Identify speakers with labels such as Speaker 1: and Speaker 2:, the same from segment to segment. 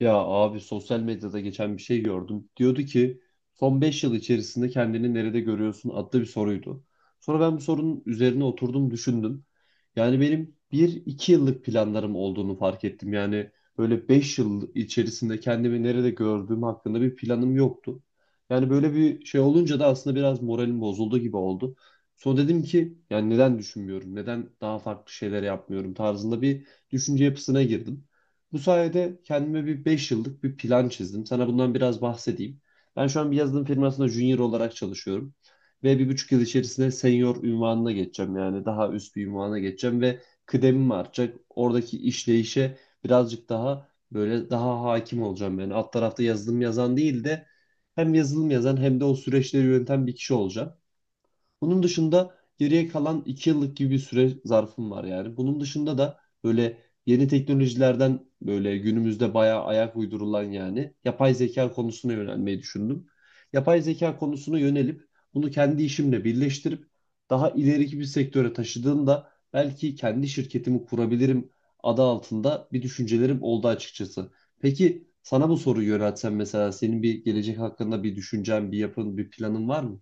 Speaker 1: Ya abi sosyal medyada geçen bir şey gördüm. Diyordu ki son 5 yıl içerisinde kendini nerede görüyorsun adlı bir soruydu. Sonra ben bu sorunun üzerine oturdum düşündüm. Yani benim bir iki yıllık planlarım olduğunu fark ettim. Yani böyle 5 yıl içerisinde kendimi nerede gördüğüm hakkında bir planım yoktu. Yani böyle bir şey olunca da aslında biraz moralim bozuldu gibi oldu. Sonra dedim ki yani neden düşünmüyorum, neden daha farklı şeyler yapmıyorum tarzında bir düşünce yapısına girdim. Bu sayede kendime bir 5 yıllık bir plan çizdim. Sana bundan biraz bahsedeyim. Ben şu an bir yazılım firmasında junior olarak çalışıyorum. Ve 1,5 yıl içerisinde senior ünvanına geçeceğim. Yani daha üst bir ünvana geçeceğim ve kıdemim artacak. Oradaki işleyişe birazcık daha böyle daha hakim olacağım. Yani alt tarafta yazılım yazan değil de hem yazılım yazan hem de o süreçleri yöneten bir kişi olacağım. Bunun dışında geriye kalan 2 yıllık gibi bir süre zarfım var yani. Bunun dışında da böyle yeni teknolojilerden böyle günümüzde bayağı ayak uydurulan yani yapay zeka konusuna yönelmeyi düşündüm. Yapay zeka konusuna yönelip bunu kendi işimle birleştirip daha ileriki bir sektöre taşıdığımda belki kendi şirketimi kurabilirim adı altında bir düşüncelerim oldu açıkçası. Peki sana bu soruyu yöneltsem mesela senin bir gelecek hakkında bir düşüncen, bir yapın, bir planın var mı?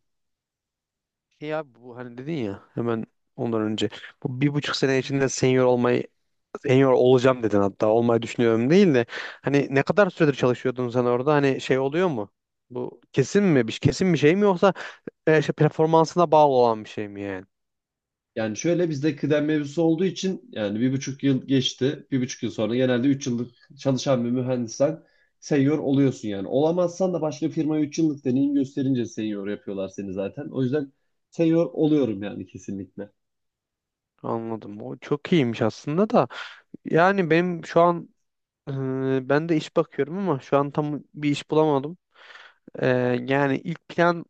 Speaker 2: Şey abi, bu hani dedin ya, hemen ondan önce bu 1,5 sene içinde senior olacağım dedin. Hatta olmayı düşünüyorum değil de, hani ne kadar süredir çalışıyordun sen orada, hani şey oluyor mu? Bu kesin mi, bir kesin bir şey mi, yoksa işte performansına bağlı olan bir şey mi yani?
Speaker 1: Yani şöyle bizde kıdem mevzusu olduğu için yani 1,5 yıl geçti. 1,5 yıl sonra genelde 3 yıllık çalışan bir mühendissen senior oluyorsun yani. Olamazsan da başka firmaya 3 yıllık deneyim gösterince senior yapıyorlar seni zaten. O yüzden senior oluyorum yani kesinlikle.
Speaker 2: Anladım. O çok iyiymiş aslında da. Yani benim şu an, ben de iş bakıyorum ama şu an tam bir iş bulamadım. E, yani ilk plan,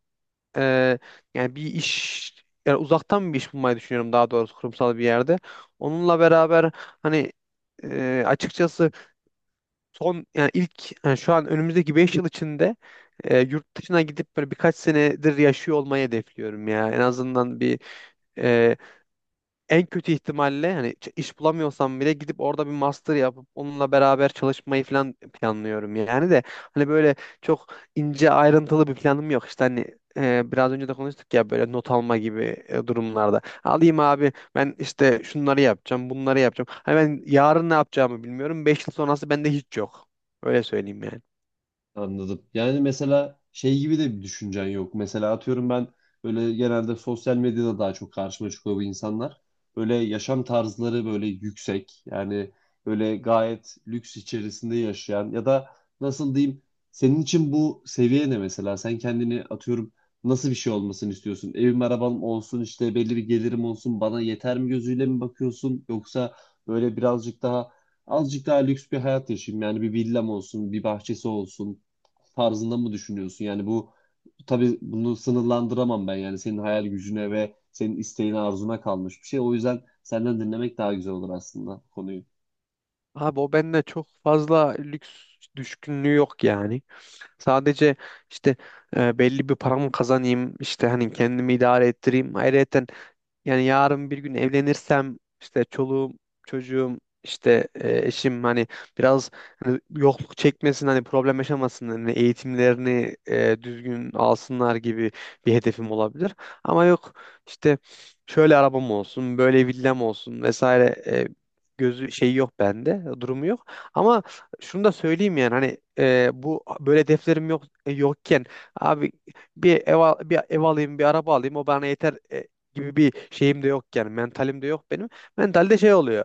Speaker 2: e, yani bir iş, yani uzaktan bir iş bulmayı düşünüyorum, daha doğrusu kurumsal bir yerde. Onunla beraber, hani, açıkçası, son yani ilk yani şu an önümüzdeki 5 yıl içinde yurt dışına gidip böyle birkaç senedir yaşıyor olmayı hedefliyorum ya. En azından bir, en kötü ihtimalle, hani iş bulamıyorsam bile, gidip orada bir master yapıp onunla beraber çalışmayı falan planlıyorum yani. De hani, böyle çok ince ayrıntılı bir planım yok. İşte, hani, biraz önce de konuştuk ya, böyle not alma gibi durumlarda. Alayım abi, ben işte şunları yapacağım, bunları yapacağım, hani ben yarın ne yapacağımı bilmiyorum. 5 yıl sonrası bende hiç yok, öyle söyleyeyim yani.
Speaker 1: Anladım. Yani mesela şey gibi de bir düşüncen yok. Mesela atıyorum ben böyle genelde sosyal medyada daha çok karşıma çıkıyor bu insanlar. Böyle yaşam tarzları böyle yüksek. Yani böyle gayet lüks içerisinde yaşayan ya da nasıl diyeyim, senin için bu seviye ne mesela? Sen kendini atıyorum nasıl bir şey olmasını istiyorsun? Evim arabam olsun işte belli bir gelirim olsun bana yeter mi gözüyle mi bakıyorsun? Yoksa böyle birazcık daha azıcık daha lüks bir hayat yaşayayım. Yani bir villam olsun, bir bahçesi olsun tarzında mı düşünüyorsun? Yani bu, tabii bunu sınırlandıramam ben. Yani senin hayal gücüne ve senin isteğine, arzuna kalmış bir şey. O yüzden senden dinlemek daha güzel olur aslında konuyu.
Speaker 2: Abi, o bende çok fazla lüks düşkünlüğü yok yani. Sadece, işte, belli bir paramı kazanayım, işte hani kendimi idare ettireyim. Ayrıca, yani yarın bir gün evlenirsem, işte çoluğum, çocuğum, işte, eşim, hani biraz, hani yokluk çekmesin, hani problem yaşamasın, hani eğitimlerini düzgün alsınlar gibi bir hedefim olabilir. Ama yok, işte, şöyle arabam olsun, böyle villam olsun vesaire, gözü şeyi yok bende, durumu yok. Ama şunu da söyleyeyim yani, hani, bu böyle hedeflerim yok, yokken abi, bir ev alayım, bir araba alayım, o bana yeter gibi bir şeyim de yok yani, mentalim de yok benim. Mentalde şey oluyor.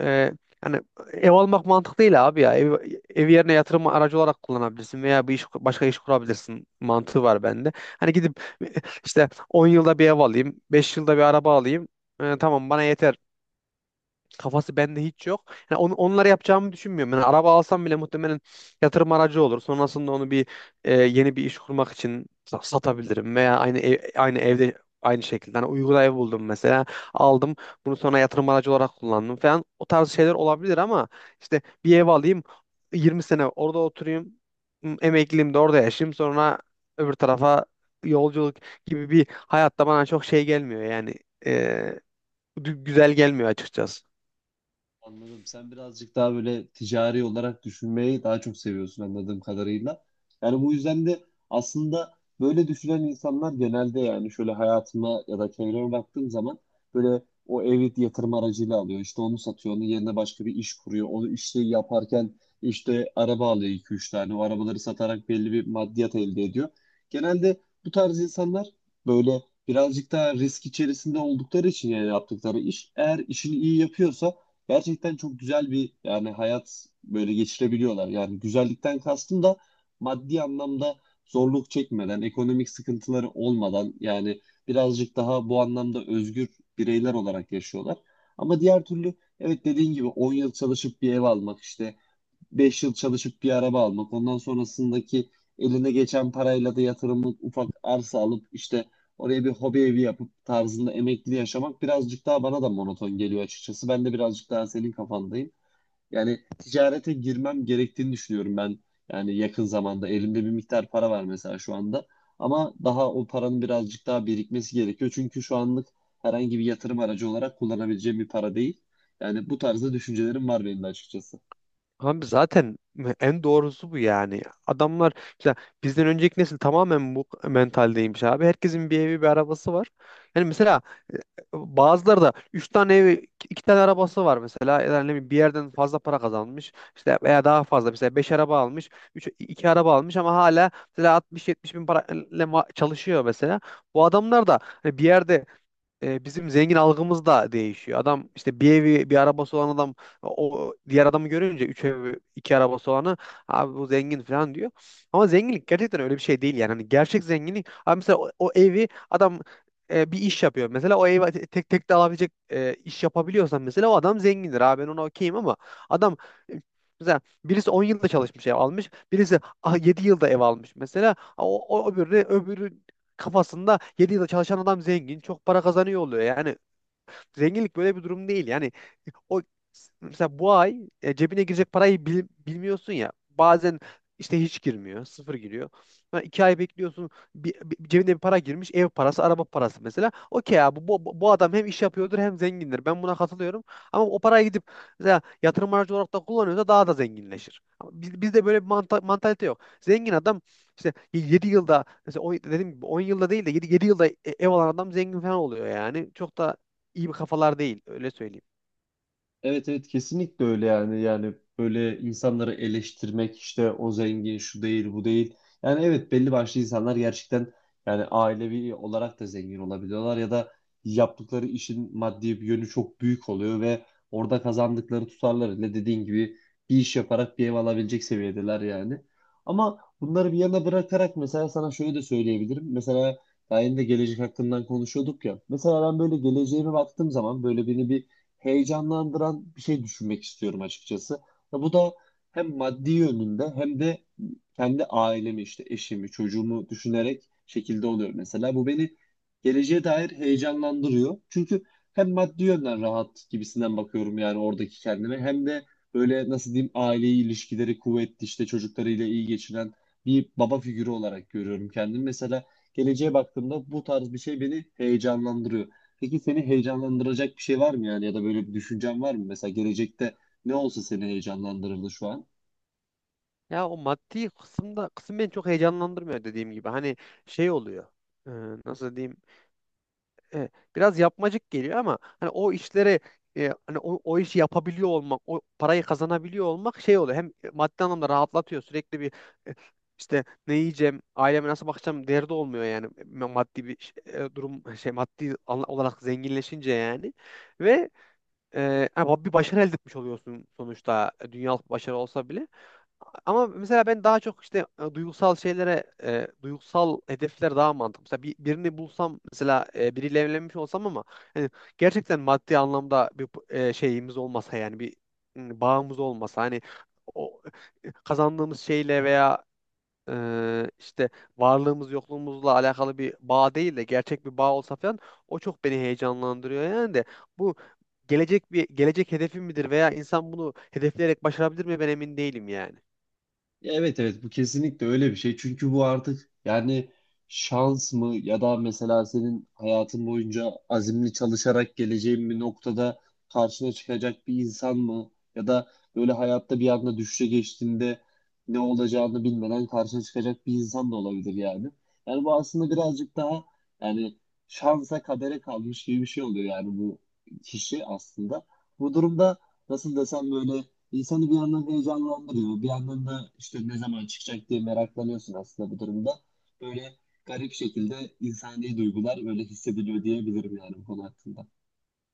Speaker 2: E, Hani, ev almak mantık değil abi ya. Ev yerine yatırım aracı olarak kullanabilirsin, veya bir iş, başka iş kurabilirsin mantığı var bende. Hani gidip işte 10 yılda bir ev alayım, 5 yılda bir araba alayım. Tamam, bana yeter kafası bende hiç yok. Yani onları yapacağımı düşünmüyorum. Yani araba alsam bile muhtemelen yatırım aracı olur. Sonrasında onu bir yeni bir iş kurmak için satabilirim, veya aynı evde aynı şekilde. Hani Uygu'da ev buldum mesela, aldım, bunu sonra yatırım aracı olarak kullandım falan. O tarz şeyler olabilir. Ama işte, bir ev alayım, 20 sene orada oturayım, emekliliğimde orada yaşayayım, sonra öbür tarafa yolculuk gibi bir hayatta bana çok şey gelmiyor yani, e, güzel gelmiyor açıkçası.
Speaker 1: Anladım. Sen birazcık daha böyle ticari olarak düşünmeyi daha çok seviyorsun anladığım kadarıyla. Yani bu yüzden de aslında böyle düşünen insanlar genelde, yani şöyle hayatıma ya da çevreme baktığım zaman, böyle o evi yatırım aracıyla alıyor. İşte onu satıyor, onun yerine başka bir iş kuruyor. Onu işte yaparken işte araba alıyor iki 3 tane. O arabaları satarak belli bir maddiyat elde ediyor. Genelde bu tarz insanlar böyle birazcık daha risk içerisinde oldukları için yani yaptıkları iş eğer işini iyi yapıyorsa gerçekten çok güzel bir yani hayat böyle geçirebiliyorlar. Yani güzellikten kastım da maddi anlamda zorluk çekmeden, ekonomik sıkıntıları olmadan yani birazcık daha bu anlamda özgür bireyler olarak yaşıyorlar. Ama diğer türlü evet dediğin gibi 10 yıl çalışıp bir ev almak işte, 5 yıl çalışıp bir araba almak. Ondan sonrasındaki eline geçen parayla da yatırımlık ufak arsa alıp işte oraya bir hobi evi yapıp tarzında emekli yaşamak birazcık daha bana da monoton geliyor açıkçası. Ben de birazcık daha senin kafandayım. Yani ticarete girmem gerektiğini düşünüyorum ben. Yani yakın zamanda elimde bir miktar para var mesela şu anda. Ama daha o paranın birazcık daha birikmesi gerekiyor. Çünkü şu anlık herhangi bir yatırım aracı olarak kullanabileceğim bir para değil. Yani bu tarzda düşüncelerim var benim de açıkçası.
Speaker 2: Abi zaten en doğrusu bu yani. Adamlar, mesela bizden önceki nesil tamamen bu mentaldeymiş abi. Herkesin bir evi, bir arabası var. Yani mesela, e, Bazıları da 3 tane evi, 2 tane arabası var mesela. Yani ne bileyim, bir yerden fazla para kazanmış. İşte, veya daha fazla, mesela 5 araba almış, 3 2 araba almış ama hala mesela 60-70 bin parayla çalışıyor mesela. Bu adamlar da hani, bir yerde bizim zengin algımız da değişiyor. Adam, işte bir evi bir arabası olan adam, o diğer adamı görünce, üç evi iki arabası olanı, abi bu zengin falan diyor. Ama zenginlik gerçekten öyle bir şey değil yani. Hani gerçek zenginlik abi, mesela o evi adam bir iş yapıyor. Mesela o evi tek tek de alabilecek iş yapabiliyorsan, mesela o adam zengindir. Abi, ben ona okeyim. Ama adam e, mesela birisi 10 yılda çalışmış, ev almış. Birisi 7 yılda ev almış mesela. O öbürü, kafasında, 7 yılda çalışan adam zengin, çok para kazanıyor oluyor. Yani zenginlik böyle bir durum değil. Yani o, mesela bu ay cebine girecek parayı bilmiyorsun ya. Bazen işte hiç girmiyor, sıfır giriyor. Ha, 2 ay bekliyorsun, cebine bir para girmiş, ev parası, araba parası mesela. Okey abi, bu adam hem iş yapıyordur hem zengindir. Ben buna katılıyorum. Ama o paraya gidip mesela yatırım aracı olarak da kullanıyorsa, daha da zenginleşir. Ama bizde böyle bir mantalite yok. Zengin adam işte 7 yılda, mesela dediğim gibi 10 yılda değil de 7 yılda ev alan adam zengin falan oluyor yani. Çok da iyi bir kafalar değil, öyle söyleyeyim.
Speaker 1: Evet, evet, kesinlikle öyle yani böyle insanları eleştirmek işte o zengin şu değil bu değil, yani evet belli başlı insanlar gerçekten yani ailevi olarak da zengin olabiliyorlar ya da yaptıkları işin maddi bir yönü çok büyük oluyor ve orada kazandıkları tutarlarıyla dediğin gibi bir iş yaparak bir ev alabilecek seviyedeler yani. Ama bunları bir yana bırakarak mesela sana şöyle de söyleyebilirim: mesela daha yeni de gelecek hakkından konuşuyorduk ya, mesela ben böyle geleceğime baktığım zaman böyle beni bir heyecanlandıran bir şey düşünmek istiyorum açıkçası. Ya bu da hem maddi yönünde hem de kendi ailemi işte eşimi, çocuğumu düşünerek şekilde oluyor mesela. Bu beni geleceğe dair heyecanlandırıyor. Çünkü hem maddi yönden rahat gibisinden bakıyorum yani oradaki kendime, hem de böyle nasıl diyeyim, aileyi ilişkileri kuvvetli işte çocuklarıyla iyi geçinen bir baba figürü olarak görüyorum kendimi. Mesela geleceğe baktığımda bu tarz bir şey beni heyecanlandırıyor. Peki seni heyecanlandıracak bir şey var mı yani, ya da böyle bir düşüncen var mı? Mesela gelecekte ne olsa seni heyecanlandırırdı şu an?
Speaker 2: Ya, o maddi kısım beni çok heyecanlandırmıyor, dediğim gibi. Hani şey oluyor. e, Nasıl diyeyim? E, Biraz yapmacık geliyor ama, hani o işlere, hani o işi yapabiliyor olmak, o parayı kazanabiliyor olmak şey oluyor. Hem maddi anlamda rahatlatıyor. Sürekli bir e, işte, ne yiyeceğim, aileme nasıl bakacağım derdi olmuyor yani. Maddi bir durum şey, maddi olarak zenginleşince yani, ve ama bir başarı elde etmiş oluyorsun sonuçta, dünyalık bir başarı olsa bile. Ama mesela ben daha çok işte duygusal şeylere, duygusal hedefler daha mantıklı. Mesela birini bulsam, mesela biriyle evlenmiş olsam ama, hani gerçekten maddi anlamda bir şeyimiz olmasa yani, bir bağımız olmasa, hani o, kazandığımız şeyle veya işte varlığımız yokluğumuzla alakalı bir bağ değil de, gerçek bir bağ olsa falan, o çok beni heyecanlandırıyor yani. De bu gelecek, bir gelecek hedefim midir, veya insan bunu hedefleyerek başarabilir mi, ben emin değilim yani.
Speaker 1: Ya evet, evet, bu kesinlikle öyle bir şey. Çünkü bu artık yani şans mı, ya da mesela senin hayatın boyunca azimli çalışarak geleceğin bir noktada karşına çıkacak bir insan mı, ya da böyle hayatta bir anda düşüşe geçtiğinde ne olacağını bilmeden karşına çıkacak bir insan da olabilir yani. Yani bu aslında birazcık daha yani şansa kadere kalmış gibi bir şey oluyor yani, bu kişi aslında. Bu durumda nasıl desem, böyle İnsanı bir yandan heyecanlandırıyor. Bir yandan da işte ne zaman çıkacak diye meraklanıyorsun aslında bu durumda. Böyle garip şekilde insani duygular böyle hissediliyor diyebilirim yani bu konu hakkında.